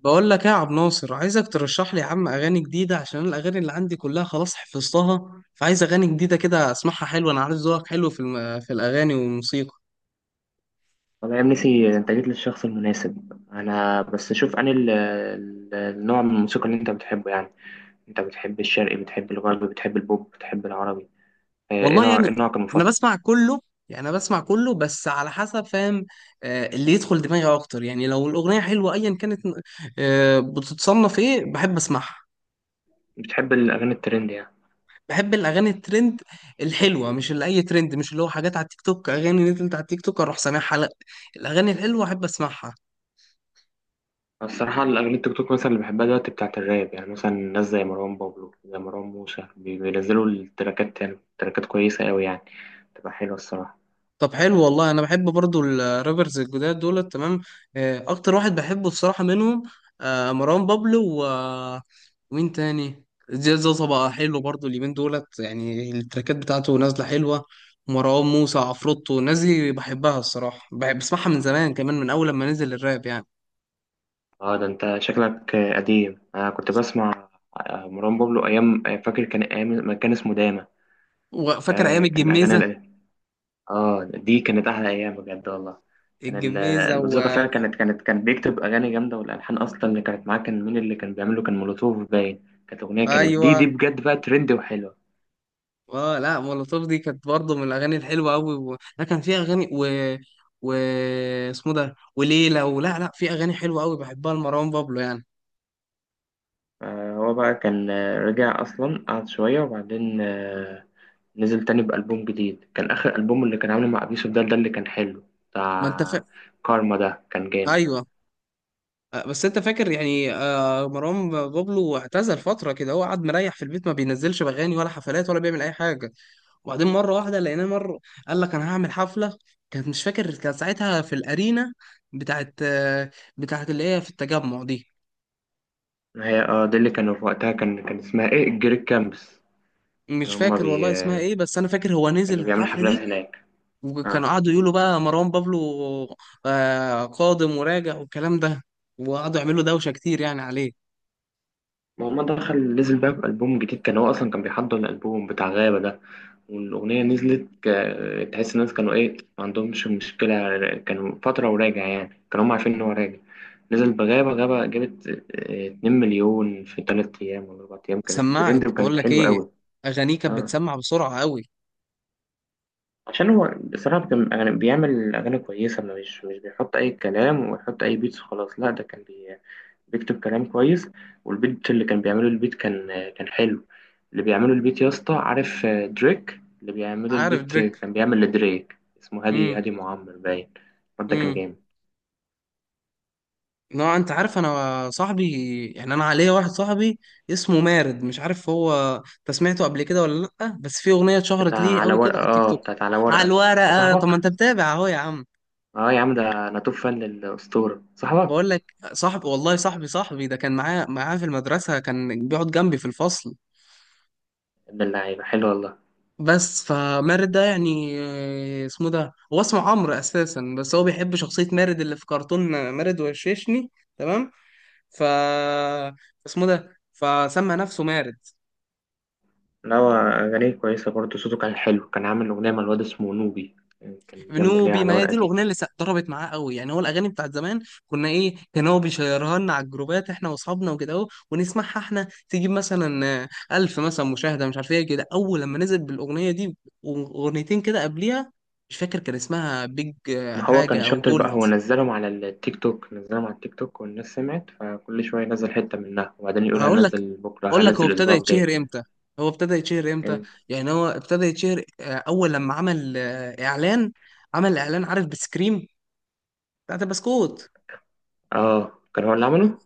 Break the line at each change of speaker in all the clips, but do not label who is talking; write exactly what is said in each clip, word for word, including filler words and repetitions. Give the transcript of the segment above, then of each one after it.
بقول لك ايه يا عبد ناصر، عايزك ترشح لي يا عم اغاني جديده عشان الاغاني اللي عندي كلها خلاص حفظتها، فعايز اغاني جديده كده اسمعها حلوه. انا عارف ذوقك حلو في الم... في الاغاني والموسيقى.
والله يا ابني انت جيت للشخص المناسب. انا بس شوف، انا ال- ال- النوع من الموسيقى اللي انت بتحبه يعني. انت بتحب الشرقي، بتحب الغربي، بتحب البوب، بتحب العربي؟ اه، ايه
والله
نوع
يعني
ايه نوعك
انا
المفضل؟
بسمع كله. يعني انا بسمع كله بس على حسب، فاهم. آه، اللي يدخل دماغي اكتر، يعني لو الاغنيه حلوه ايا كانت. آه، بتتصنف ايه بحب اسمعها.
بتحب الاغاني الترند يعني؟
بحب الاغاني الترند الحلوه، مش اللي اي ترند، مش اللي هو حاجات على التيك توك، اغاني نزلت على التيك توك اروح سامعها، لا. الاغاني الحلوه احب اسمعها.
الصراحه الاغاني التيك توك مثلا اللي بحبها دلوقتي بتاعت الراب، يعني مثلا ناس زي مروان بابلو، زي مروان موسى، بي- بينزلوا التراكات، يعني تراكات كويسه قوي يعني، تبقى حلوه الصراحه.
طب حلو والله، انا بحب برضو الرابرز الجداد دول، تمام. آه، اكتر واحد بحبه بصراحة منهم، آه، مروان بابلو و ومين تاني، زياد زوزة بقى حلو برضو اليومين دولت، يعني التراكات بتاعته نازلة حلوة. مروان موسى، عفروتو، الناس دي بحبها الصراحة، بحب بسمعها من زمان، كمان من اول لما نزل الراب يعني.
اه ده انت شكلك اه، قديم. انا كنت بسمع اه، مروان بابلو ايام، اه، فاكر كان ايام ما كان اسمه داما.
وفاكر ايام
آه، كان أغاني
الجميزة.
ال- آه، دي كانت أحلى أيام بجد والله. كان ال-
الجميزة
الموسيقى
و...
فيها كانت كانت كان بيكتب أغاني جامدة، والألحان أصلا اللي كانت معاه كان مين اللي كان بيعمله؟ كان مولوتوف باين، كانت أغنية كانت دي
ايوه.
دي بجد بقى ترند وحلوة.
اه لا، مولوتوف دي كانت برضه من الاغاني الحلوه قوي، و... لا كان فيها اغاني و و اسمه ده، وليلى، ولا لا، في اغاني حلوه قوي بحبها لمروان بابلو يعني.
آه، هو بقى كان آه، رجع أصلا، قعد شوية وبعدين آه، نزل تاني بألبوم جديد. كان آخر ألبوم اللي كان عامله مع أبيوسف، ده ده اللي كان حلو،
ما انت فا...
بتاع كارما، ده كان جامد.
ايوه. آه، بس انت فاكر يعني، آه، مروان بابلو اعتزل فتره كده، هو قعد مريح في البيت، ما بينزلش اغاني ولا حفلات ولا بيعمل اي حاجه. وبعدين مره واحده لقيناه، مره قال لك انا هعمل حفله. كانت، مش فاكر، كانت ساعتها في الارينا بتاعت آه، بتاعت اللي هي في التجمع دي.
هي اه دي اللي كانوا في وقتها، كان كان اسمها ايه، الجريك كامبس.
مش
كانوا هما
فاكر
بي
والله اسمها
آه،
ايه، بس انا فاكر هو نزل
كانوا بيعملوا
الحفله
حفلات
دي.
هناك. اه،
وكانوا قعدوا يقولوا بقى مروان بابلو آه، قادم وراجع والكلام ده، وقعدوا يعملوا دوشة كتير يعني عليه.
ما هو ما دخل نزل بقى بألبوم جديد، كان هو أصلا كان بيحضر الألبوم بتاع غابة ده. والأغنية نزلت، ك- تحس الناس كانوا إيه، ما عندهمش مشكلة، كانوا فترة وراجع يعني، كانوا هم عارفين إن هو راجع. نزل بغابة، غابة جابت آه، اتنين مليون في تلات أيام ولا أربع أيام، كانت
سمعت.
ترند
بقول
وكانت
لك
حلوة
ايه،
أوي.
اغانيه كانت
اه،
بتسمع بسرعة قوي.
عشان هو بصراحة كان أغاني بيعمل أغاني كويسة، ما مش مش بيحط أي كلام ويحط أي بيتس وخلاص، لا ده كان بي بيكتب كلام كويس. والبيت اللي كان بيعمله، البيت كان كان حلو. اللي بيعمله البيت، يا اسطى، عارف آه، دريك؟ اللي بيعمله
عارف
البيت، آه،
دريك.
كان بيعمل لدريك، اسمه هادي
امم
هادي معمر باين. الواد ده كان
امم
جامد.
نوع، انت عارف انا صاحبي، يعني انا عليا واحد صاحبي اسمه مارد. مش عارف هو انت سمعته قبل كده ولا لا، بس في اغنية
بتاع
اتشهرت ليه
على
قوي كده
ورقة،
على التيك
اه
توك.
بتاعت على
على
ورقة. آه،
الورقة، طب ما
صاحبك؟
انت متابع اهو يا عم.
اه يا عم، ده انا توب فان للأسطورة صاحبك.
بقول لك صاحبي والله، صاحبي صاحبي ده كان معايا معايا في المدرسة، كان بيقعد جنبي في الفصل.
ابن اللعيبة حلو والله.
بس فمارد ده يعني، آه، اسمه ده هو اسمه عمرو اساسا، بس هو بيحب شخصية مارد اللي في كرتون مارد وششني، تمام. ف اسمه ده فسمى نفسه مارد.
نوى أغانيه كويسة برضه، صوته كان حلو، كان عامل أغنية مع الواد اسمه نوبي، يعني كان جامدة ليها
بنوبي،
على
ما هي
ورقة
دي
دي.
الاغنيه اللي س- ضربت معاه قوي، يعني هو الاغاني بتاعت زمان كنا ايه، كان هو بيشيرها لنا على الجروبات احنا واصحابنا وكده اهو، ونسمعها احنا، تجيب مثلا آه، ألف مثلا مشاهده مش عارف ايه كده اول لما نزل بالاغنيه دي. واغنيتين كده قبليها، مش فاكر كان اسمها بيج آه،
ما هو كان
حاجه، او
شاطر
جولد.
بقى، هو نزلهم على التيك توك، نزلهم على التيك توك، والناس سمعت، فكل شوية ينزل حتة منها وبعدين يقول
هقول لك
هنزل بكرة،
اقول لك، هو
هنزل
ابتدى
الأسبوع الجاي.
يتشهر امتى؟ هو ابتدى يتشهر امتى؟ يعني هو ابتدى يتشهر آه، اول لما عمل آه، اعلان. عمل اعلان عارف، بسكريم بتاعت البسكوت.
اه، كان هو اللي عمله.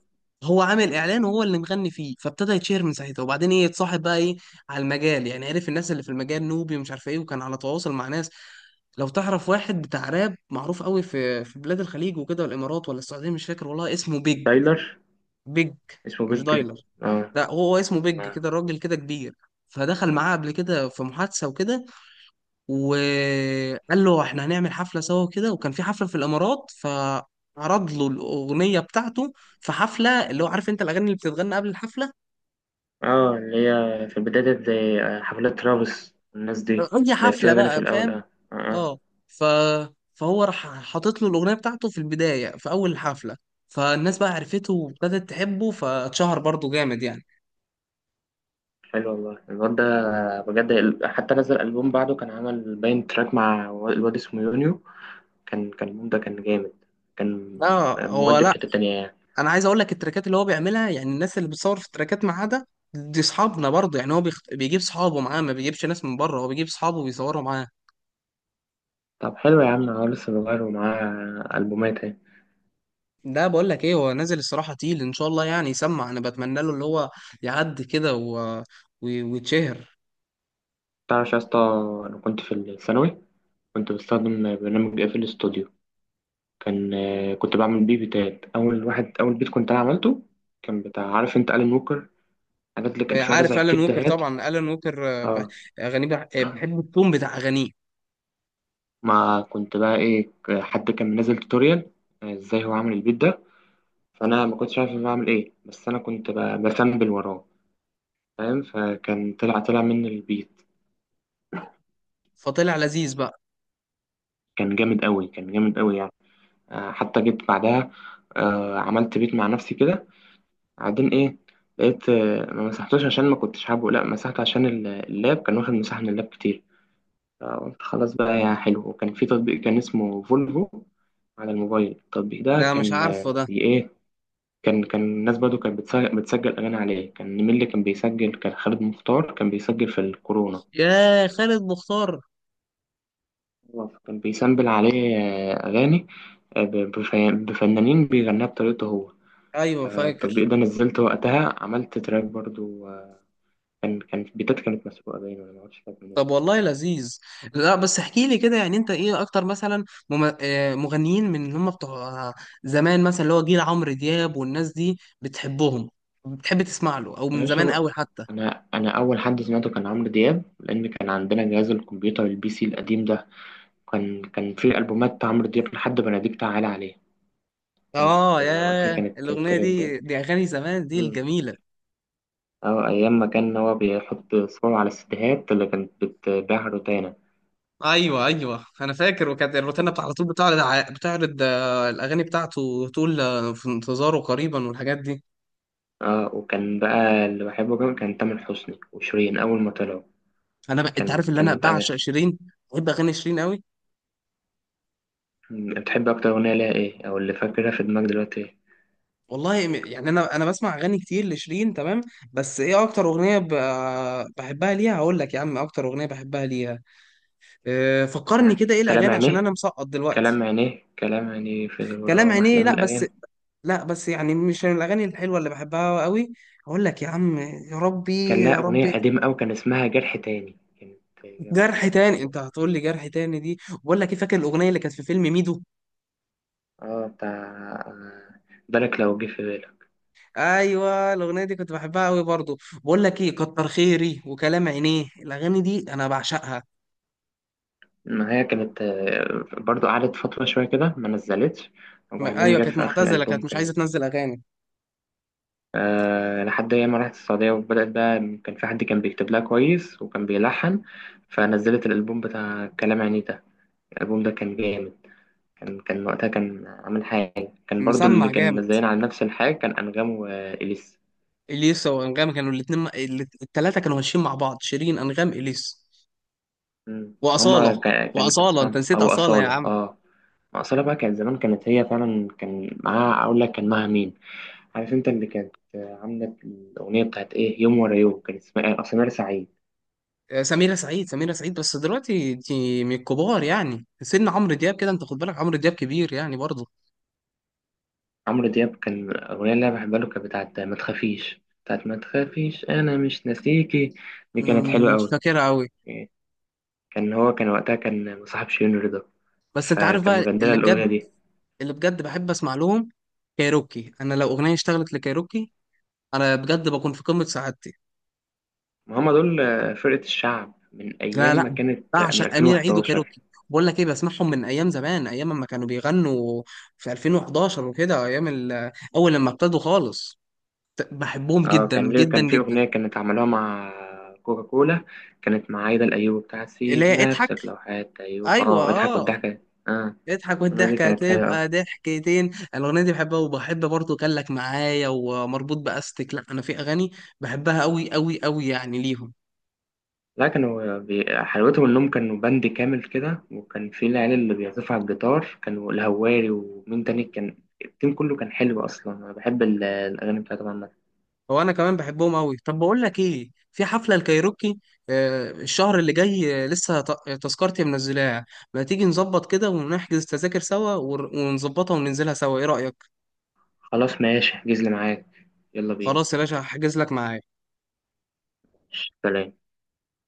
هو عامل اعلان وهو اللي مغني فيه، فابتدى يتشهر من ساعتها. وبعدين ايه، اتصاحب بقى ايه على المجال يعني، عرف الناس اللي في المجال، نوبي ومش عارف ايه، وكان على تواصل مع ناس. لو تعرف واحد بتاع راب معروف قوي في في بلاد الخليج وكده والامارات ولا السعوديه، مش فاكر والله اسمه، بيج.
دايلر.
بيج،
اسمه
مش
بيج.
دايلر.
اه.
لا هو اسمه بيج
اه.
كده، راجل كده كبير. فدخل معاه قبل كده في محادثة وكده، وقال له احنا هنعمل حفلة سوا كده. وكان في حفلة في الإمارات، فعرض له الأغنية بتاعته في حفلة، اللي هو عارف انت الأغاني اللي بتتغنى قبل الحفلة،
آه، اللي هي في البداية ديت زي آه، حفلات ترافيس والناس دي،
أي
اللي
حفلة
فيها أغاني في
بقى،
الأول.
فاهم.
اه. اه. آه.
اه. ف... فهو راح حاطط له الأغنية بتاعته في البداية، في أول الحفلة، فالناس بقى عرفته وابتدت تحبه، فاتشهر برضه جامد يعني.
حلو والله الواد ده بجد. ال- حتى نزل ألبوم بعده، كان عمل باين تراك مع و- الواد اسمه يونيو. كان كان الألبوم ده كان جامد، كان
لا، هو
مودي في
لا،
حتة تانية يعني.
انا عايز اقول لك التراكات اللي هو بيعملها، يعني الناس اللي بتصور في التراكات معاه ده، دي اصحابنا برضه يعني. هو بيخ... بيجيب صحابه معاه، ما بيجيبش ناس من بره، هو بيجيب صحابه وبيصوروا معاه.
طب حلو يا عم، هو لسه صغير ومعاه ألبومات اهي.
ده بقول لك ايه، هو نازل الصراحه تقيل، ان شاء الله يعني يسمع. انا بتمنى له اللي هو يعدي كده و... و... ويتشهر.
تعرف يا اسطى، أنا كنت في الثانوي، كنت بستخدم برنامج اف الاستوديو. كان كنت بعمل بيه بيتات. أول واحد، أول بيت كنت أنا عملته، كان بتاع، عارف أنت ألان ووكر؟ الحاجات اللي كان فيها رزع
عارف الان
كتير
ووكر؟
دهات.
طبعا الان ووكر، آه، ب- اغانيه بح- آه، بحب التون بتاع اغانيه.
ما كنت بقى ايه، ك- حد كان منزل توتوريال آه، ازاي هو عامل البيت ده. فانا ما كنتش عارف أنا بعمل ايه، بس انا كنت ب- بفنبل وراه فاهم. فكان طلع طلع مني البيت،
فطلع لذيذ بقى.
كان جامد قوي، كان جامد قوي يعني. آه، حتى جيت بعدها آه، عملت بيت مع نفسي كده. بعدين ايه، لقيت آه، ما مسحتوش عشان ما كنتش حابه، لا مسحته عشان ال- اللاب كان واخد مساحة من اللاب كتير. فقلت خلاص بقى يا حلو. وكان في تطبيق كان اسمه فولفو على الموبايل. التطبيق ده
لا مش
كان
عارفه
آه،
ده.
بي- ايه كان كان الناس برضه كانت بتسجل, بتسجل أغاني عليه. كان مين اللي كان بيسجل؟ كان خالد مختار كان بيسجل في الكورونا.
يا خالد مختار.
هو كان بيسامبل عليه آه، أغاني آه، ب- بف- بفنانين، بيغنيها بطريقته هو.
ايوه
آه،
فاكر.
التطبيق ده نزلته وقتها، عملت تراك برضه آه، كان كان بيتات كانت مسروقة باين، ولا معرفش كانت منين.
طب والله لذيذ. لا بس احكي لي كده، يعني انت ايه اكتر مثلا مم- آه، مغنيين من اللي هم بتوع زمان، مثلا اللي هو جيل عمرو دياب والناس دي، بتحبهم؟ بتحب تسمع له، او
يا
من زمان
باشا،
قوي حتى؟
أنا أنا أول حد سمعته كان عمرو دياب، لأن كان عندنا جهاز الكمبيوتر، البي سي القديم ده. كان كان فيه ألبومات عمرو دياب، لحد بناديك تعالى عليه، كانت
اه
آه، وقتها
يا،
كانت
الاغنيه
ترند.
دي دي اغاني زمان دي
مم.
الجميله.
أو أيام ما كان هو بيحط صور على الستيهات اللي كانت بتبيعها روتانا.
ايوه ايوه، انا فاكر. وكانت الروتانا بتاع على طول بتعرض ع- بتعرض آه، الاغاني بتاعته، وتقول آه، في انتظاره قريبا والحاجات دي.
اه، وكان بقى اللي بحبه كمان كان تامر حسني وشيرين أول ما طلعوا.
انا ب... انت
كان
عارف اللي انا
كانت
بعشق
أنا
شيرين. بحب اغاني شيرين قوي.
بتحب أكتر أغنية ليها إيه، أو اللي فاكرها في دماغك دلوقتي إيه؟
والله م- يعني، انا انا بسمع اغاني كتير لشيرين، تمام. بس ايه اكتر اغنيه ب... بحبها ليها، هقول لك يا عم اكتر اغنيه بحبها ليها. أه، فكرني
بتاعت
كده ايه
كلام
الاغاني، عشان انا
عينيه؟
مسقط
كلام
دلوقتي.
عينيه، كلام عينيه في
كلام
الغرام أحلى
عينيه،
من
لا بس،
الأغاني.
لا بس يعني مش من الاغاني الحلوه اللي بحبها قوي. هقول لك يا عم، يا ربي
كان لها
يا
أغنية
ربي.
قديمة أوي كان اسمها جرح تاني، كانت هي برضه
جرح
كانت
تاني،
حلوة.
انت هتقول لي جرح تاني دي. بقول لك ايه، فاكر الاغنيه اللي كانت في فيلم ميدو؟
اه بتاع آه، بالك لو جه في بالي.
ايوه الاغنيه دي كنت بحبها قوي برضو. بقول لك ايه، كتر خيري وكلام عينيه الاغاني دي انا بعشقها.
ما هي كانت آه، برضو قعدت فترة شوية كده ما نزلتش،
م-
وبعدين
ايوه،
جت
كانت
في آخر
معتزله كانت
ألبوم
مش عايزه
كانت.
تنزل اغاني.
أه، لحد أيام ما رحت السعودية وبدأت بقى، كان في حد كان بيكتب لها كويس وكان بيلحن، فنزلت الألبوم بتاع كلام يعني ده. الألبوم ده كان جامد. كان كان وقتها كان عامل حاجة، كان برضو اللي
مسمع
كان
جامد.
منزلين على نفس الحاجة كان أنغام وإليسا.
اليسا وانغام كانوا الاثنين، الثلاثه كانوا ماشيين مع بعض، شيرين انغام اليسا.
مم. هما
واصاله،
كا- كان كان
واصاله، انت
اسمهم
نسيت
أو
اصاله يا
أصالة
عم.
اه. أصالة بقى كانت زمان، كانت هي فعلا كان معاها، أقول لك كان معاها مين، عارف انت اللي كانت عامله الاغنيه بتاعت ايه، يوم ورا يوم، كان اسمها اصل، نار سعيد.
آه، سميرة سعيد. سميرة سعيد بس دلوقتي دي من الكبار، يعني سن عمرو دياب كده، انت خد بالك عمرو دياب كبير يعني برضه.
عمرو دياب، كان الاغنيه اللي انا بحبها له كانت بتاعت ما تخافيش بتاعت ما تخافيش انا مش ناسيكي. دي كانت حلوه
مم، مش
قوي.
فاكرها قوي.
كان هو كان وقتها كان مصاحب شيرين رضا،
بس انت عارف
فكان
بقى
مغنيها
اللي بجد،
الاغنيه دي.
اللي بجد بحب اسمع لهم، كايروكي. انا لو اغنيه اشتغلت لكايروكي انا بجد بكون في قمه سعادتي.
ما هم دول فرقه الشعب من
لا
ايام ما
لا،
كانت من
بعشق امير عيد
ألفين وحداشر.
وكايروكي. بقول لك ايه، بسمعهم من ايام زمان، ايام ما كانوا بيغنوا في ألفين وحداشر وكده، ايام ال- اول لما ابتدوا خالص. ت- بحبهم
اه،
جدا
كان ليه
جدا
كان في
جدا.
اغنيه كانت عملوها مع كوكا كولا، كانت مع عايده الايوبي، بتاعت
اللي
سيب
هي اضحك.
نفسك لو حياة ايوب،
ايوه
اه اضحك
اه،
والضحكه. اه،
اضحك
السنة دي
والضحكه
كانت هي أوي.
هتبقى ضحكتين، الاغنيه دي بحبها. وبحب برضه كان لك معايا، ومربوط باستك، لا انا في اغاني بحبها قوي قوي قوي يعني ليهم.
لا، كانوا بي- حلاوتهم إنهم كانوا باند كامل كده، وكان في العيال اللي بيعزفوا على الجيتار، كانوا الهواري ومين تاني كان. التيم كله كان حلو أصلا. أنا بحب ال- الأغاني بتاعتهم عامة.
هو انا كمان بحبهم قوي. طب بقول لك ايه، في حفله الكايروكي آه، الشهر اللي جاي، آه، لسه ت- تذكرتي منزلاها. ما تيجي نظبط كده ونحجز تذاكر سوا ور- ونظبطها وننزلها سوا، ايه رايك؟
خلاص ماشي، احجز لي معاك. يلا بينا.
خلاص يا باشا، هحجز لك معايا.
سلام.